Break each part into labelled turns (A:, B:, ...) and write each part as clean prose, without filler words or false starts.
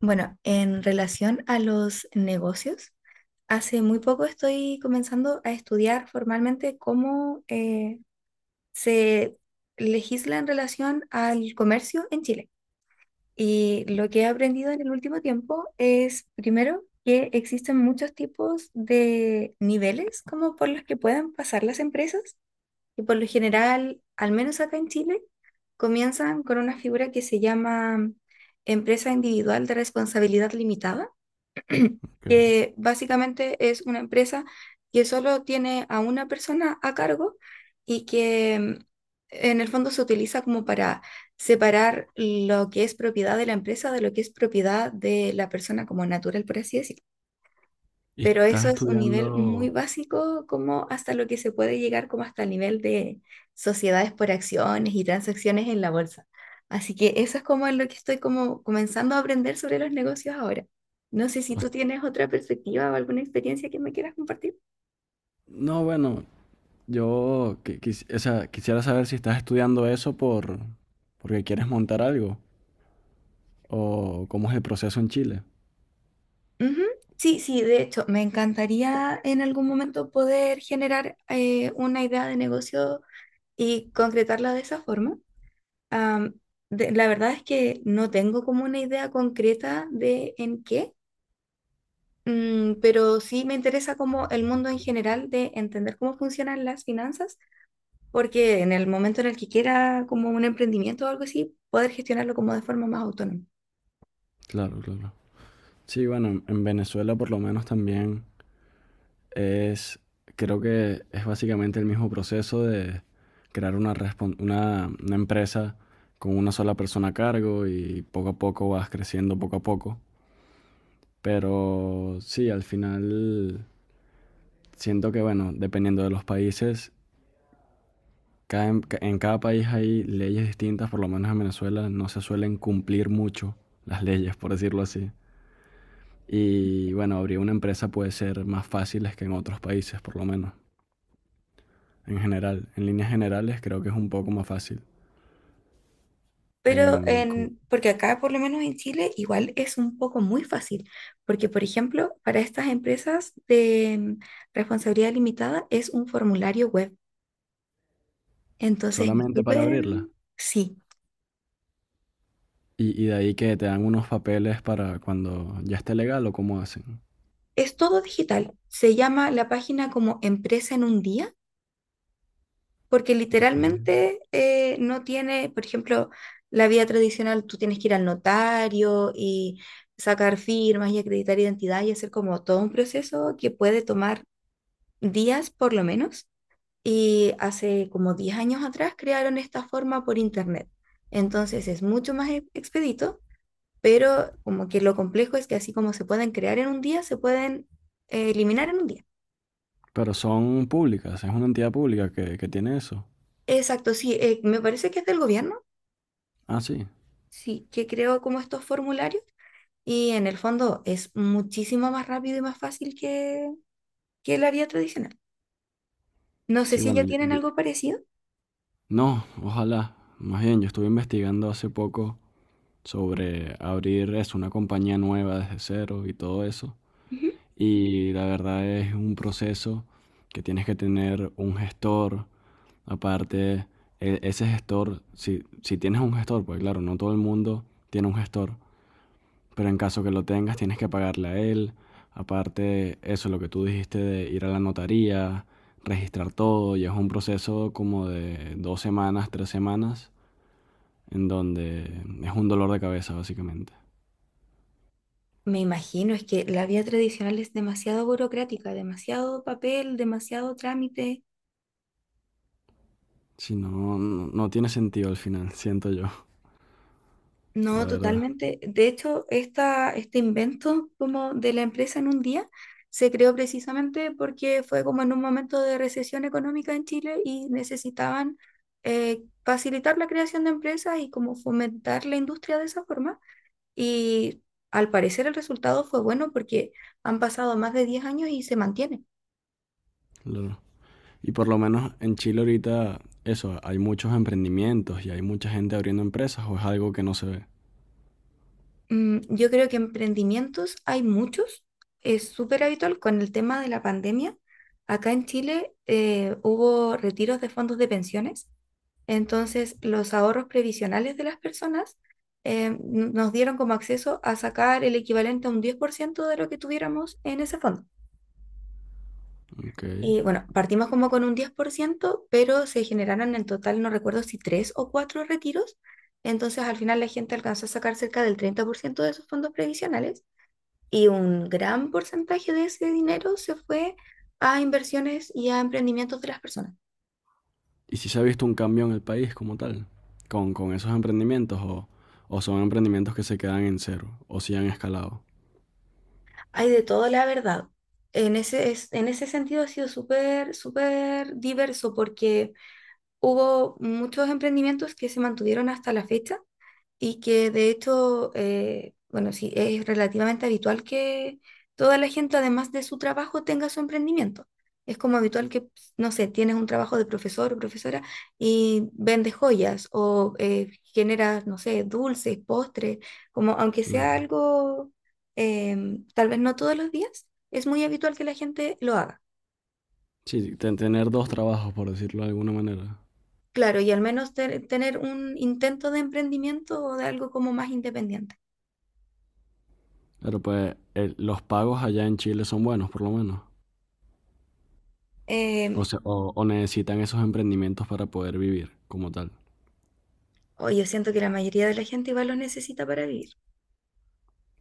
A: Bueno, en relación a los negocios, hace muy poco estoy comenzando a estudiar formalmente cómo se legisla en relación al comercio en Chile. Y lo que he aprendido en el último tiempo es, primero, que existen muchos tipos de niveles como por los que puedan pasar las empresas. Y por lo general, al menos acá en Chile, comienzan con una figura que se llama empresa individual de responsabilidad limitada
B: Ok.
A: que básicamente es una empresa que solo tiene a una persona a cargo y que en el fondo se utiliza como para separar lo que es propiedad de la empresa de lo que es propiedad de la persona como natural, por así decirlo.
B: ¿Y
A: Pero eso
B: estás
A: es un nivel muy
B: estudiando?
A: básico, como hasta lo que se puede llegar, como hasta el nivel de sociedades por acciones y transacciones en la bolsa. Así que eso es como lo que estoy como comenzando a aprender sobre los negocios ahora. No sé si tú
B: bast-
A: tienes otra perspectiva o alguna experiencia que me quieras compartir.
B: No, bueno, yo quisiera saber si estás estudiando eso porque quieres montar algo o cómo es el proceso en Chile.
A: Ujú. Sí, sí, de hecho, me encantaría en algún momento poder generar una idea de negocio y concretarla de esa forma. Am, la verdad es que no tengo como una idea concreta de en qué, pero sí me interesa como el mundo en general de entender cómo funcionan las finanzas, porque en el momento en el que quiera como un emprendimiento o algo así, poder gestionarlo como de forma más autónoma.
B: Claro, claro. Sí, bueno, en Venezuela por lo menos también es, creo que es básicamente el mismo proceso de crear una, una empresa con una sola persona a cargo y poco a poco vas creciendo poco a poco. Pero sí, al final. Siento que, bueno, dependiendo de los países, en cada país hay leyes distintas. Por lo menos en Venezuela no se suelen cumplir mucho las leyes, por decirlo así. Y bueno, abrir una empresa puede ser más fácil que en otros países, por lo menos. En general, en líneas generales creo que es un poco más fácil.
A: Pero
B: En, cu-
A: en, porque acá, por lo menos en Chile, igual es un poco muy fácil, porque por ejemplo, para estas empresas de responsabilidad limitada es un formulario web. Entonces, es
B: Solamente para
A: súper,
B: abrirla.
A: sí.
B: Y de ahí, ¿que te dan unos papeles para cuando ya esté legal o cómo hacen?
A: Es todo digital. Se llama la página como Empresa en un día, porque
B: Ok.
A: literalmente no tiene, por ejemplo, la vía tradicional, tú tienes que ir al notario y sacar firmas y acreditar identidad y hacer como todo un proceso que puede tomar días por lo menos. Y hace como 10 años atrás crearon esta forma por internet. Entonces es mucho más expedito, pero como que lo complejo es que así como se pueden crear en un día, se pueden eliminar en un día.
B: Pero ¿son públicas? ¿Es una entidad pública que tiene eso?
A: Exacto, sí, me parece que es del gobierno,
B: Ah, sí.
A: sí, que creo como estos formularios y en el fondo es muchísimo más rápido y más fácil que la vía tradicional. No sé
B: Sí,
A: si
B: bueno,
A: ya
B: yo,
A: tienen algo parecido.
B: no, ojalá. Más bien, yo estuve investigando hace poco sobre abrir eso, una compañía nueva desde cero y todo eso.
A: Ujú.
B: Y la verdad es un proceso que tienes que tener un gestor. Aparte, ese gestor, si tienes un gestor, pues claro, no todo el mundo tiene un gestor, pero en caso que lo tengas, tienes que pagarle a él. Aparte, eso, lo que tú dijiste de ir a la notaría, registrar todo, y es un proceso como de 2 semanas, 3 semanas, en donde es un dolor de cabeza, básicamente.
A: Me imagino, es que la vía tradicional es demasiado burocrática, demasiado papel, demasiado trámite.
B: Si no, no tiene sentido al final, siento yo, la
A: No,
B: verdad.
A: totalmente. De hecho, esta, este invento como de la empresa en un día se creó precisamente porque fue como en un momento de recesión económica en Chile y necesitaban facilitar la creación de empresas y como fomentar la industria de esa forma. Y al parecer el resultado fue bueno porque han pasado más de 10 años y se mantiene.
B: Y por lo menos en Chile ahorita, eso, ¿hay muchos emprendimientos y hay mucha gente abriendo empresas o es algo que no se ve?
A: Yo creo que emprendimientos hay muchos, es súper habitual con el tema de la pandemia. Acá en Chile hubo retiros de fondos de pensiones, entonces los ahorros previsionales de las personas eh, n- nos dieron como acceso a sacar el equivalente a un 10% de lo que tuviéramos en ese fondo.
B: Okay.
A: Y bueno, partimos como con un 10% pero se generaron en total, no recuerdo si tres o cuatro retiros, entonces al final la gente alcanzó a sacar cerca del 30% de esos fondos previsionales y un gran porcentaje de ese dinero se fue a inversiones y a emprendimientos de las personas.
B: ¿Y si se ha visto un cambio en el país como tal? Con esos emprendimientos o son emprendimientos que se quedan en cero o si han escalado?
A: Hay de todo, la verdad. En ese sentido ha sido súper, súper diverso porque hubo muchos emprendimientos que se mantuvieron hasta la fecha y que de hecho, sí, es relativamente habitual que toda la gente, además de su trabajo, tenga su emprendimiento. Es como habitual que, no sé, tienes un trabajo de profesor o profesora y vendes joyas o generas, no sé, dulces, postres, como aunque sea
B: Claro.
A: algo, tal vez no todos los días, es muy habitual que la gente lo haga.
B: Sí, tener dos trabajos, por decirlo de alguna manera.
A: Claro, y al menos tener un intento de emprendimiento o de algo como más independiente.
B: Pero pues los pagos allá en Chile son buenos, por lo menos. O
A: Em,
B: sea, o necesitan esos emprendimientos para poder vivir como tal.
A: O yo siento que la mayoría de la gente igual lo necesita para vivir.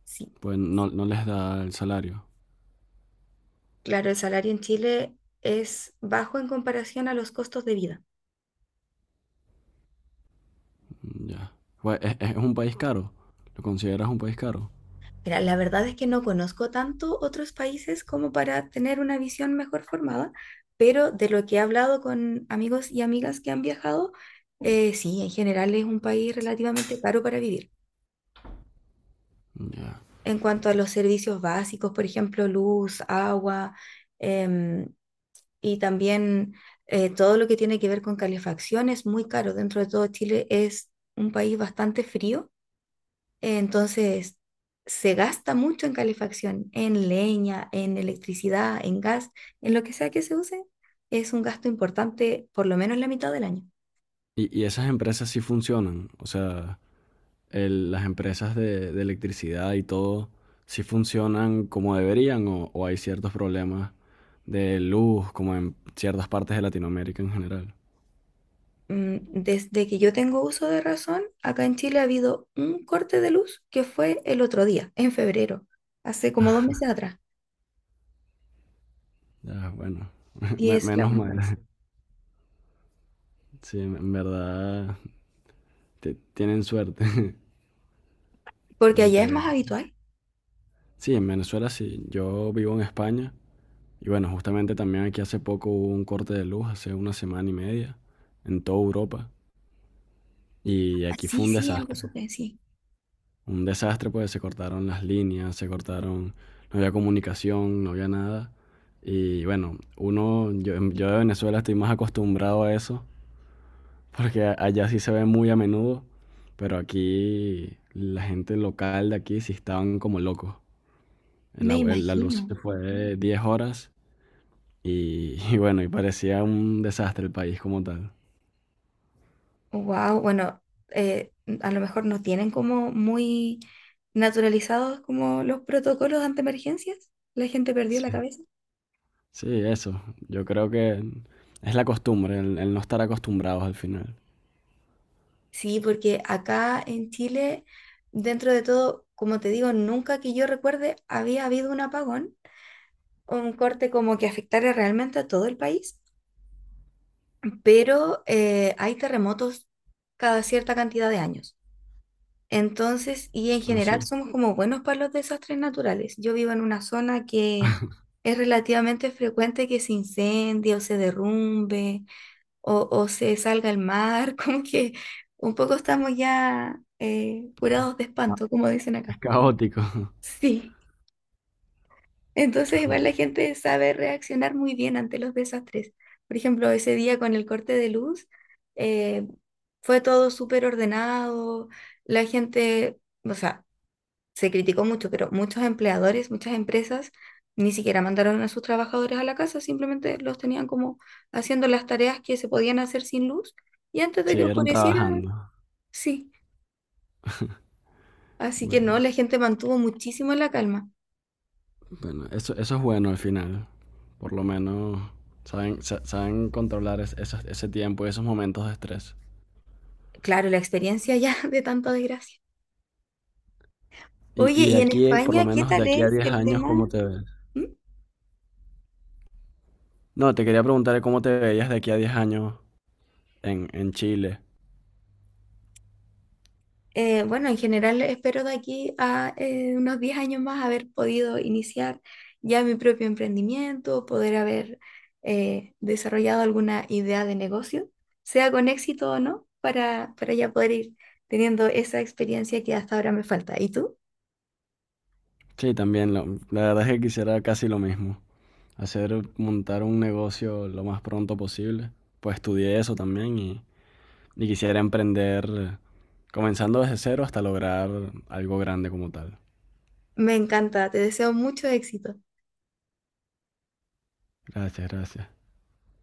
A: Sí,
B: Pues no, no les da el salario.
A: claro, el salario en Chile es bajo en comparación a los costos de vida.
B: Mm, ya. Pues es un país caro. ¿Lo consideras un país caro?
A: Mira, la verdad es que no conozco tanto otros países como para tener una visión mejor formada, pero de lo que he hablado con amigos y amigas que han viajado, sí, en general es un país relativamente caro para vivir.
B: Mm, ya.
A: En cuanto a los servicios básicos, por ejemplo, luz, agua, em, y también todo lo que tiene que ver con calefacción es muy caro. Dentro de todo Chile es un país bastante frío, entonces se gasta mucho en calefacción, en leña, en electricidad, en gas, en lo que sea que se use, es un gasto importante por lo menos la mitad del año.
B: Y esas empresas sí funcionan. O sea, las empresas de electricidad y todo, ¿sí funcionan como deberían o hay ciertos problemas de luz como en ciertas partes de Latinoamérica en general?
A: Desde que yo tengo uso de razón, acá en Chile ha habido un corte de luz que fue el otro día, en febrero, hace como 2 meses atrás,
B: Ya, bueno.
A: y es la
B: Menos
A: única
B: mal.
A: vez.
B: Sí, en verdad tienen suerte.
A: Porque allá es
B: Porque
A: más habitual.
B: sí, en Venezuela sí. Yo vivo en España y bueno, justamente también aquí hace poco hubo un corte de luz, hace una semana y media, en toda Europa. Y
A: Ah,
B: aquí fue
A: sí,
B: un
A: sí, algo
B: desastre.
A: supe, sí.
B: Un desastre porque se cortaron las líneas, se cortaron, no había comunicación, no había nada. Y bueno, uno, yo de Venezuela estoy más acostumbrado a eso, porque allá sí se ve muy a menudo, pero aquí la gente local de aquí sí estaban como locos.
A: Me
B: La luz
A: imagino.
B: se fue 10 horas. Y, y bueno, y parecía un desastre el país como tal.
A: Wow, bueno, eh, a lo mejor no tienen como muy naturalizados como los protocolos ante emergencias. La gente perdió la
B: Sí,
A: cabeza.
B: sí, eso. Yo creo que es la costumbre, el no estar acostumbrados al final.
A: Sí, porque acá en Chile, dentro de todo, como te digo, nunca que yo recuerde había habido un apagón o un corte como que afectara realmente a todo el país, pero hay terremotos cada cierta cantidad de años. Entonces, y en
B: Ah,
A: general
B: sí.
A: somos como buenos para los desastres naturales. Yo vivo en una zona que es relativamente frecuente que se incendie o se derrumbe o se salga al mar, como que un poco estamos ya curados de
B: Ah,
A: espanto, como dicen acá.
B: es caótico.
A: Sí, entonces igual la gente sabe reaccionar muy bien ante los desastres. Por ejemplo, ese día con el corte de luz, eh, fue todo súper ordenado, la gente... O sea, se criticó mucho, pero muchos empleadores, muchas empresas ni siquiera mandaron a sus trabajadores a la casa, simplemente los tenían como haciendo las tareas que se podían hacer sin luz y antes de que
B: Siguieron
A: oscureciera,
B: trabajando.
A: sí. Así que no,
B: Bueno,
A: la gente mantuvo muchísimo la calma.
B: bueno, eso es bueno al final. Por lo menos saben, saben controlar ese tiempo y esos momentos de estrés.
A: Claro, la experiencia ya de tanta desgracia. Oye,
B: Y de
A: ¿y en
B: aquí, por lo
A: España qué
B: menos, de
A: tal
B: aquí a
A: es
B: 10
A: el
B: años,
A: tema?
B: ¿cómo te ves?
A: ¿Mm?
B: No, te quería preguntar cómo te veías de aquí a 10 años en Chile.
A: Bueno, en general espero de aquí a unos 10 años más haber podido iniciar ya mi propio emprendimiento, poder haber desarrollado alguna idea de negocio, sea con éxito o no, para ya poder ir teniendo esa experiencia que hasta ahora me falta. ¿Y tú?
B: Sí, también. La verdad es que quisiera casi lo mismo. Hacer, montar un negocio lo más pronto posible. Pues estudié eso también y quisiera emprender comenzando desde cero hasta lograr algo grande como tal.
A: Me encanta, te deseo mucho éxito.
B: Gracias, gracias.